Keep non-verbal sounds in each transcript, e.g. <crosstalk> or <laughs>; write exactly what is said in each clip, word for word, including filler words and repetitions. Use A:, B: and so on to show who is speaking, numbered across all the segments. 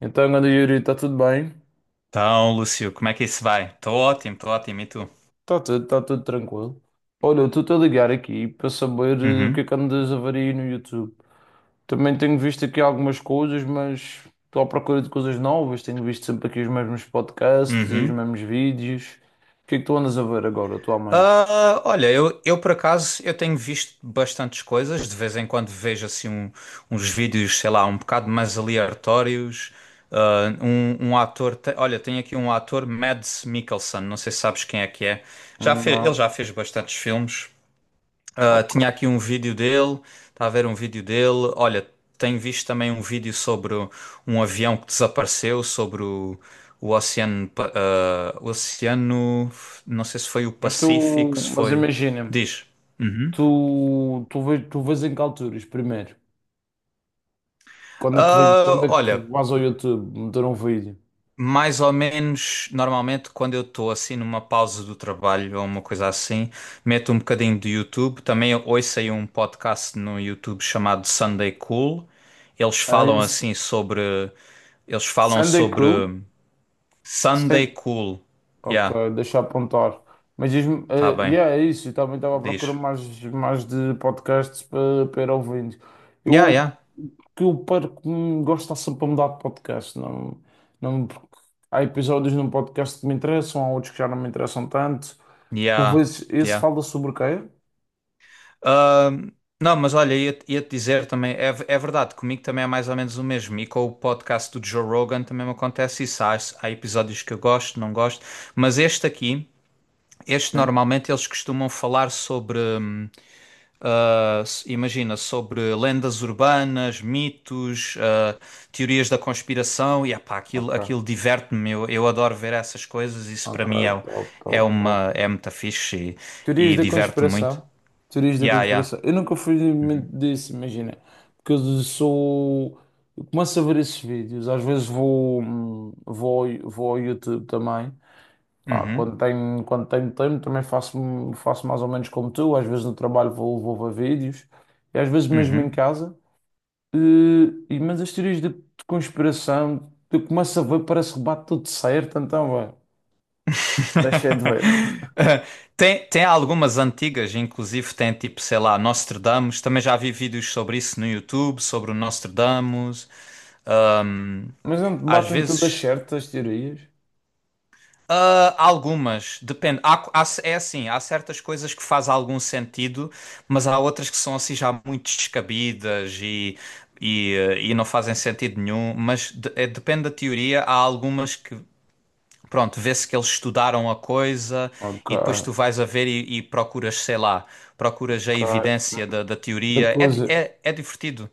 A: Então, grande Yuri, está tudo bem?
B: Então, Lúcio, como é que isso vai? Estou ótimo, estou ótimo. E tu?
A: Está tudo, está tudo tranquilo. Olha, eu estou-te a ligar aqui para saber eh, o que é
B: Uhum,
A: que andas a ver aí no YouTube. Também tenho visto aqui algumas coisas, mas estou à procura de coisas novas. Tenho visto sempre aqui os mesmos podcasts e os
B: uhum.
A: mesmos vídeos. O que é que tu andas a ver agora, atualmente?
B: Ah, olha, eu, eu por acaso eu tenho visto bastantes coisas. De vez em quando vejo assim um- uns vídeos, sei lá, um bocado mais aleatórios. Ah, um, um ator, te- olha, tem aqui um ator, Mads Mikkelsen. Não sei se sabes quem é que é. Já fe-
A: Não,
B: ele já fez bastantes filmes. Ah, tinha
A: ok.
B: aqui um vídeo dele, está a ver um vídeo dele. Olha, tenho visto também um vídeo sobre um avião que desapareceu, sobre o, o oceano, Pa- ah, o oceano, não sei se foi o
A: Mas tu,
B: Pacífico, se
A: mas
B: foi.
A: imagina-me,
B: Diz. Uhum.
A: tu, tu, vês, tu vês em que alturas primeiro? Quando é que, vês- quando
B: Ah,
A: é que
B: olha,
A: vais ao YouTube meter um vídeo?
B: Mais ou menos, normalmente, quando eu estou assim numa pausa do trabalho ou uma coisa assim, meto um bocadinho de YouTube. Também eu ouço aí um podcast no YouTube chamado Sunday Cool. Eles
A: É
B: falam
A: isso.
B: assim sobre. Eles falam
A: Sunday
B: sobre
A: Cool?
B: Sunday Cool.
A: Ok,
B: Yeah,
A: deixa eu apontar. Mas diz-me,
B: tá
A: eh,
B: bem.
A: yeah, é isso. Eu também estava a procurar
B: Diz.
A: mais, mais de podcasts para, para ir ouvindo.
B: Yeah,
A: Eu
B: yeah.
A: que eu perco, hum, gosto de estar sempre a mudar de podcast. Não, não, porque há episódios num podcast que me interessam, há outros que já não me interessam tanto. Por
B: Yeah,
A: vezes, esse
B: yeah.
A: fala sobre o quê?
B: Ahm, não, mas olha, ia-te ia-te dizer também, é, v- é verdade, comigo também é mais ou menos o mesmo. E com o podcast do Joe Rogan também me acontece isso. Há, há episódios que eu gosto, não gosto, mas este aqui, este
A: Sim.
B: normalmente eles costumam falar sobre, hum, ah, s- imagina, sobre lendas urbanas, mitos, ah, teorias da conspiração. E epá, aquilo,
A: Ok.
B: aquilo diverte-me, eu, eu adoro ver essas coisas. Isso para
A: Ok,
B: mim é, o-
A: top,
B: é
A: top, top.
B: uma, é muito fixe
A: Teorias
B: e, e
A: da
B: diverte-me muito.
A: conspiração. Teorias da
B: Yeah, yeah.
A: conspiração. Eu nunca fui muito disso, imagina. Porque eu sou. Eu começo a ver esses vídeos. Às vezes vou, hum, vou, ao- vou ao YouTube também. Pá,
B: Uhum.
A: quando tenho, quando tenho tempo também faço, faço mais ou menos como tu. Às vezes no trabalho vou, vou ver vídeos. E às vezes mesmo em
B: Uhum.
A: casa. Eh, E, mas as teorias de, de conspiração, eu começo a ver, parece que bate tudo certo. Então, vai. Deixei de ver.
B: <laughs> Eh, Tem, tem algumas antigas, inclusive tem tipo, sei lá, Nostradamus. Também já vi vídeos sobre isso no YouTube, sobre o Nostradamus.
A: Mas não te
B: Às
A: batem todas
B: vezes,
A: certas as teorias?
B: ah, algumas, depende. Há- há- é assim, há certas coisas que fazem algum sentido, mas há outras que são assim já muito descabidas e, e, eh, e não fazem sentido nenhum. Mas de- é- depende da teoria, há algumas que Pronto, vê-se que eles estudaram a coisa
A: Ok.
B: e depois tu vais a ver e, e procuras, sei lá, procuras a
A: Ok.
B: evidência da, da
A: Da
B: teoria. É, di-
A: coisa.
B: é, é divertido.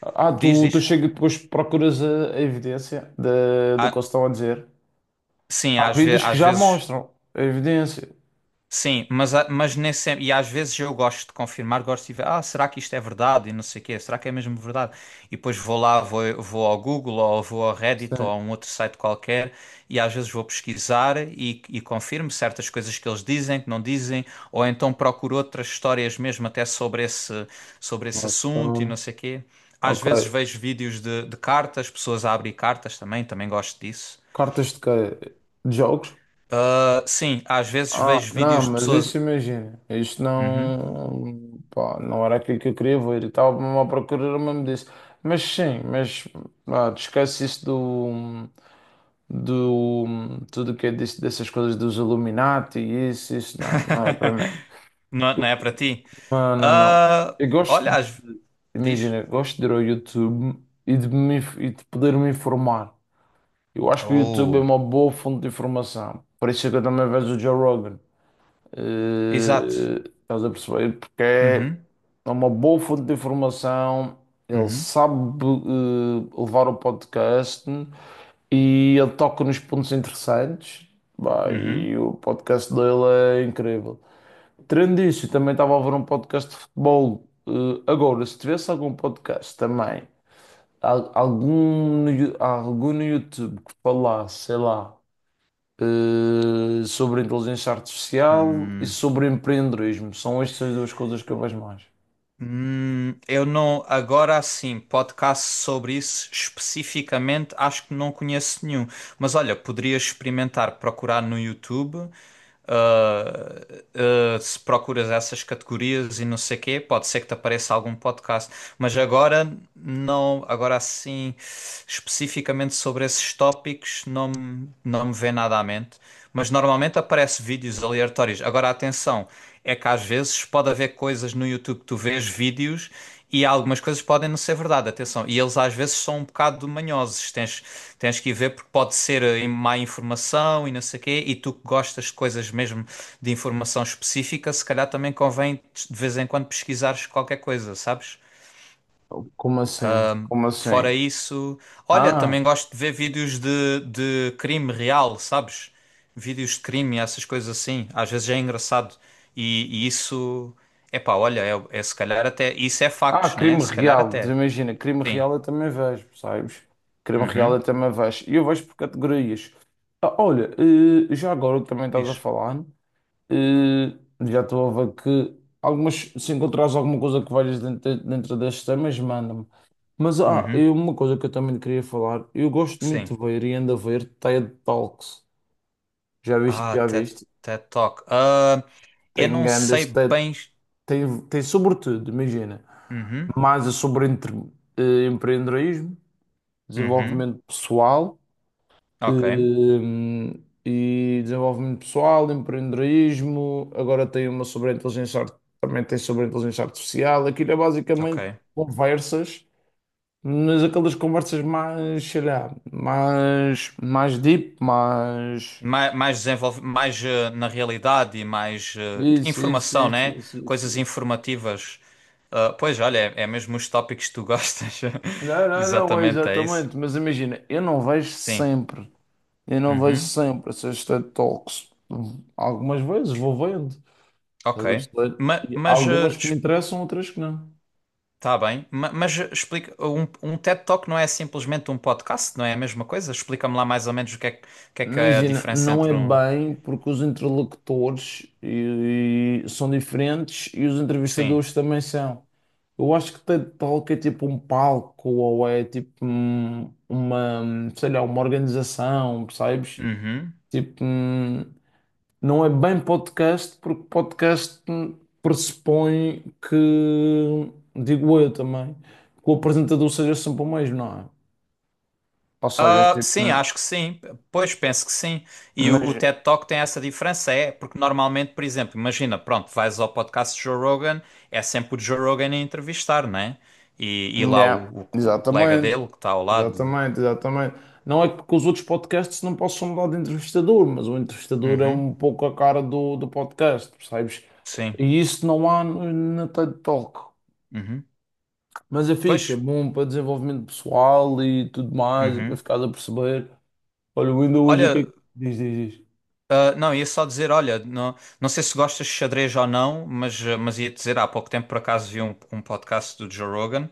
A: Ah,
B: Diz,
A: tu, tu
B: diz.
A: chega e depois procuras a, a evidência da do que
B: Ah,
A: eles estão a dizer.
B: sim,
A: Há
B: às ve-
A: vídeos que
B: às
A: já
B: vezes.
A: mostram a evidência.
B: Sim, mas, a- mas nem sempre, e às vezes eu gosto de confirmar, gosto de ver, ah, será que isto é verdade? E não sei o quê, será que é mesmo verdade? E depois vou lá, vou, vou ao Google ou vou ao Reddit ou
A: Sim.
B: a um outro site qualquer e às vezes vou pesquisar e, e confirmo certas coisas que eles dizem, que não dizem, ou então procuro outras histórias mesmo até sobre esse, sobre esse
A: Ok.
B: assunto e não sei o quê. Às
A: Ok.
B: vezes vejo vídeos de, de cartas, pessoas a abrir cartas também, também gosto disso.
A: Cartas de quê? De jogos?
B: Ah, sim, às vezes
A: Ah,
B: vejo
A: não,
B: vídeos de
A: mas
B: pessoas.
A: isso imagina. Isto
B: Uhum.
A: não. Pá, não era aquilo que eu queria ver e tal. Estava a procurar o mesmo disso. Mas sim, mas. Ah, te esquece isso do. Do. Tudo o que é disso, dessas coisas dos Illuminati e isso, isso não. Não é para mim.
B: <laughs> Não, é, não
A: Eu-
B: é para ti?
A: Não, não, não.
B: Ah,
A: Eu gosto,
B: olha,
A: de-
B: as... diz.
A: Imagina, eu gosto de ir ao YouTube e de, me, inf- e de poder me informar. Eu acho que o YouTube é
B: Oh,
A: uma boa fonte de informação. Por isso é que eu também vejo o Joe Rogan.
B: exato.
A: Eh, estás a perceber? Porque é
B: Uhum,
A: é uma boa fonte de informação. Ele
B: uhum,
A: sabe, eh, levar o podcast e ele toca nos pontos interessantes. Bah, e
B: uhum.
A: o podcast dele é incrível. Tirando isso, também estava a ouvir um podcast de futebol. Eh, agora, se tivesse algum podcast também, al- algum, no Yo- algum no YouTube que falasse, sei lá, eh, sobre inteligência artificial e
B: Hum,
A: sobre empreendedorismo, são estas duas coisas que eu vejo mais.
B: hum, eu não, agora sim, podcast sobre isso especificamente, acho que não conheço nenhum. Mas olha, poderias experimentar procurar no YouTube. Uh, uh, Se procuras essas categorias e não sei quê, pode ser que te apareça algum podcast, mas agora não, agora assim, especificamente sobre esses tópicos, não, me- não me vem nada à mente. Mas normalmente aparece vídeos aleatórios. Agora, atenção, é que às vezes pode haver coisas no YouTube que tu vês vídeos e algumas coisas podem não ser verdade, atenção. E eles às vezes são um bocado manhosos. Tens, tens que ir ver porque pode ser eh, má informação e não sei o quê. E tu que gostas de coisas mesmo de informação específica, se calhar também convém de vez em quando pesquisares qualquer coisa, sabes?
A: Como assim? Como assim?
B: Fora isso, olha,
A: Ah,
B: também gosto de ver vídeos de, de crime real, sabes? Vídeos de crime, essas coisas assim. Às vezes é engraçado. E, e isso, epá, olha, é, é se calhar até. Isso é
A: ah,
B: factos, né?
A: crime
B: Se calhar
A: real.
B: até.
A: Imagina, crime
B: Sim.
A: real eu também vejo, sabes? Crime real
B: Uhum.
A: eu também vejo. E eu vejo por categorias. Ah, olha, eh, já agora que também estás a
B: Diz.
A: falar. Eh, Já estou a ver que algumas, se encontrares alguma coisa que valhas dentro, dentro destes temas, manda-me. Mas ah,
B: Uhum.
A: e uma coisa que eu também queria falar, eu gosto muito
B: Sim.
A: de ver e ando a ver TED Talks. Já viste,
B: Ah,
A: já
B: TED,
A: viste?
B: TED Talk. Ah, eu
A: Tem
B: não
A: grandes
B: sei
A: TED,
B: bem.
A: tem, tem sobretudo, imagina,
B: Uhum.
A: mais é sobre entre, eh, empreendedorismo,
B: Uhum.
A: desenvolvimento pessoal.
B: Ok.
A: Hum, e desenvolvimento pessoal, empreendedorismo, agora tem uma sobre a inteligência, art- também tem sobre a inteligência artificial. Aquilo é
B: Ok.
A: basicamente conversas, mas aquelas conversas mais, sei lá, mais, mais deep, mais.
B: Mais, mais desenvolve, mais eh, na realidade e mais eh,
A: Isso, isso,
B: informação,
A: isso,
B: né?
A: isso, isso,
B: Coisas
A: isso.
B: informativas. Ah, pois, olha, é, é mesmo os tópicos que tu gostas.
A: Não,
B: <laughs>
A: não, não, é
B: Exatamente, é isso.
A: exatamente, mas imagina, eu não vejo
B: Sim.
A: sempre, eu não vejo
B: Uhum.
A: sempre essas TED Talks. Algumas vezes vou vendo.
B: Ok.
A: Estás a perceber?
B: Ma-
A: E há
B: mas eh,
A: algumas que me interessam, outras que não.
B: Tá bem, ma- mas explica, um, um TED Talk não é simplesmente um podcast, não é a mesma coisa? Explica-me lá mais ou menos o que é, que o que é que é a
A: Imagina,
B: diferença
A: não é
B: entre um.
A: bem porque os interlocutores e- e são diferentes e os
B: Sim.
A: entrevistadores também são. Eu acho que TED Talk é tipo um palco ou é tipo um- uma, sei lá, uma organização, percebes?
B: Uhum.
A: Tipo, hum, não é bem podcast porque podcast hum, pressupõe que, digo eu também, que o apresentador seja sempre o mesmo, não é? Ou seja,
B: Ah,
A: tipo,
B: sim, acho que sim. Pois penso que sim. E o,
A: mas,
B: o TED Talk tem essa diferença, é porque normalmente, por exemplo, imagina, pronto, vais ao podcast de Joe Rogan, é sempre o Joe Rogan a entrevistar, né? E, e lá
A: yeah,
B: o, o, co- o colega
A: exatamente,
B: dele que está ao lado.
A: exatamente, exatamente. Não é que com os outros podcasts não possam mudar de entrevistador, mas o entrevistador é
B: Uhum.
A: um pouco a cara do, do podcast, percebes?
B: Sim.
A: E isso não há no- na TED Talk.
B: Uhum.
A: Mas é fixe, é
B: Pois.
A: bom para desenvolvimento pessoal e tudo mais, e para
B: Uhum.
A: ficar a perceber. Olha, o ainda hoje o que é
B: Olha.
A: que diz, diz, diz.
B: Ah, não, ia só dizer, olha, não, não sei se gostas de xadrez ou não, mas, ah, mas ia dizer, há pouco tempo por acaso vi um, um podcast do Joe Rogan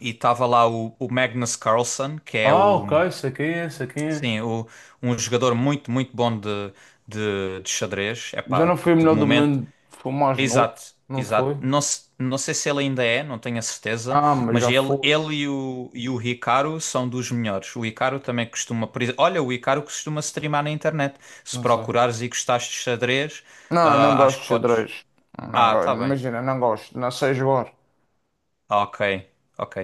B: e estava lá o, o Magnus Carlsen, que é
A: Ah,
B: o,
A: ok, sei quem é, sei quem é.
B: sim, o, um jogador muito, muito bom de, de, de xadrez.
A: Já
B: Epá,
A: não
B: de,
A: foi o
B: de
A: melhor do
B: momento,
A: mundo, foi o mais novo,
B: exato,
A: não
B: exato.
A: foi?
B: Não, se- não sei se ele ainda é, não tenho a certeza,
A: Ah, mas
B: mas
A: já
B: ele,
A: foi,
B: ele e o, e o Hikaru são dos melhores. O Hikaru também costuma. por ex- Olha, o Hikaru costuma streamar na internet. Se
A: não sei.
B: procurares e gostares de xadrez,
A: Não, não
B: ah, acho
A: gosto
B: que
A: de
B: podes.
A: xadrez. Não
B: Ah,
A: go-
B: tá bem.
A: Imagina, não gosto, não sei jogar.
B: Ok, ok.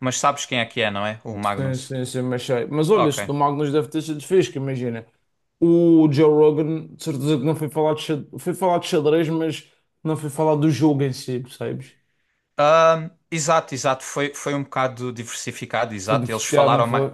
B: Mas sabes quem é que é, não é? O
A: Sim,
B: Magnus.
A: sim, sim, mas sei. Mas olha,
B: Ok.
A: isso do Magnus deve ter sido fixe, que imagina. O Joe Rogan, de certeza que não foi falar de xadrez, foi falar de xadrez, mas não foi falar do jogo em si, percebes?
B: Ahm, exato, exato. Foi, foi um bocado diversificado,
A: Foi
B: exato. Eles
A: diversificado, não
B: falaram mais.
A: foi?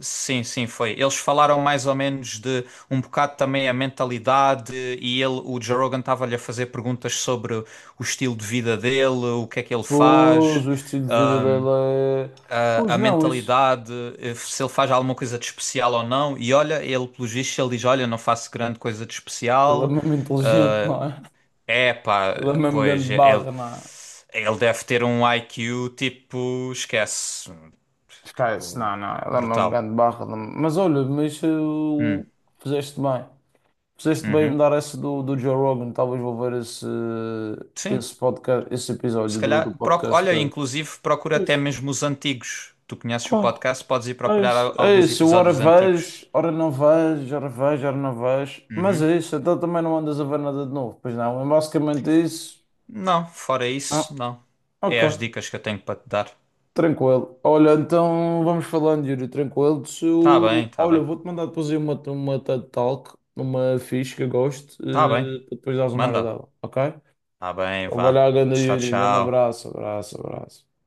B: Sim, sim, foi. Eles falaram mais ou menos de um bocado também a mentalidade e ele, o Joe Rogan estava-lhe a fazer perguntas sobre o estilo de vida dele, o que é que ele
A: Pois,
B: faz,
A: o estilo de vida
B: ah,
A: dele é.
B: a,
A: Pois
B: a
A: não, isso.
B: mentalidade, eh, se ele faz alguma coisa de especial ou não. E olha, ele, pelos vistos, ele diz, olha, não faço grande coisa de
A: Ele é
B: especial.
A: mesmo inteligente, não é?
B: É pá,
A: Ele é mesmo grande
B: pois, ele,
A: barra, não é?
B: ele deve ter um I Q tipo, esquece,
A: Esquece,
B: tipo,
A: não, não, ela é uma
B: brutal.
A: grande barra. não- Mas olha, mas eh,
B: Hum,
A: o fizeste bem. Fizeste bem em me
B: uhum.
A: dar essa do, do Joe Rogan, talvez vou ver esse,
B: Sim.
A: esse podcast, esse
B: Se
A: episódio do,
B: calhar,
A: do
B: proc-
A: podcast
B: olha,
A: dele.
B: inclusive procura até
A: Pois,
B: mesmo os antigos. Tu conheces o
A: pá,
B: podcast, podes ir
A: é
B: procurar
A: isso.
B: al-
A: É
B: alguns
A: isso, eu ora
B: episódios antigos.
A: vejo, ora não vejo, ora vejo, ora não vejo. Mas
B: Uhum.
A: é isso, então também não andas a ver nada de novo, pois não, é basicamente isso.
B: Não, fora
A: Ah,
B: isso, não.
A: ok,
B: É as dicas que eu tenho para te dar.
A: tranquilo. Olha, então vamos falando, Yuri, tranquilo. Se
B: Tá
A: eu-
B: bem, tá
A: Olha, eu
B: bem.
A: vou-te mandar depois aí uma, uma TED Talk, uma ficha que eu gosto,
B: Tá bem.
A: eh, para depois dares uma hora
B: Manda.
A: dela, ok?
B: Tá bem,
A: Vamos
B: vá.
A: olhar, grande
B: Tchau,
A: Yuri. Grande
B: tchau.
A: abraço, abraço, abraço.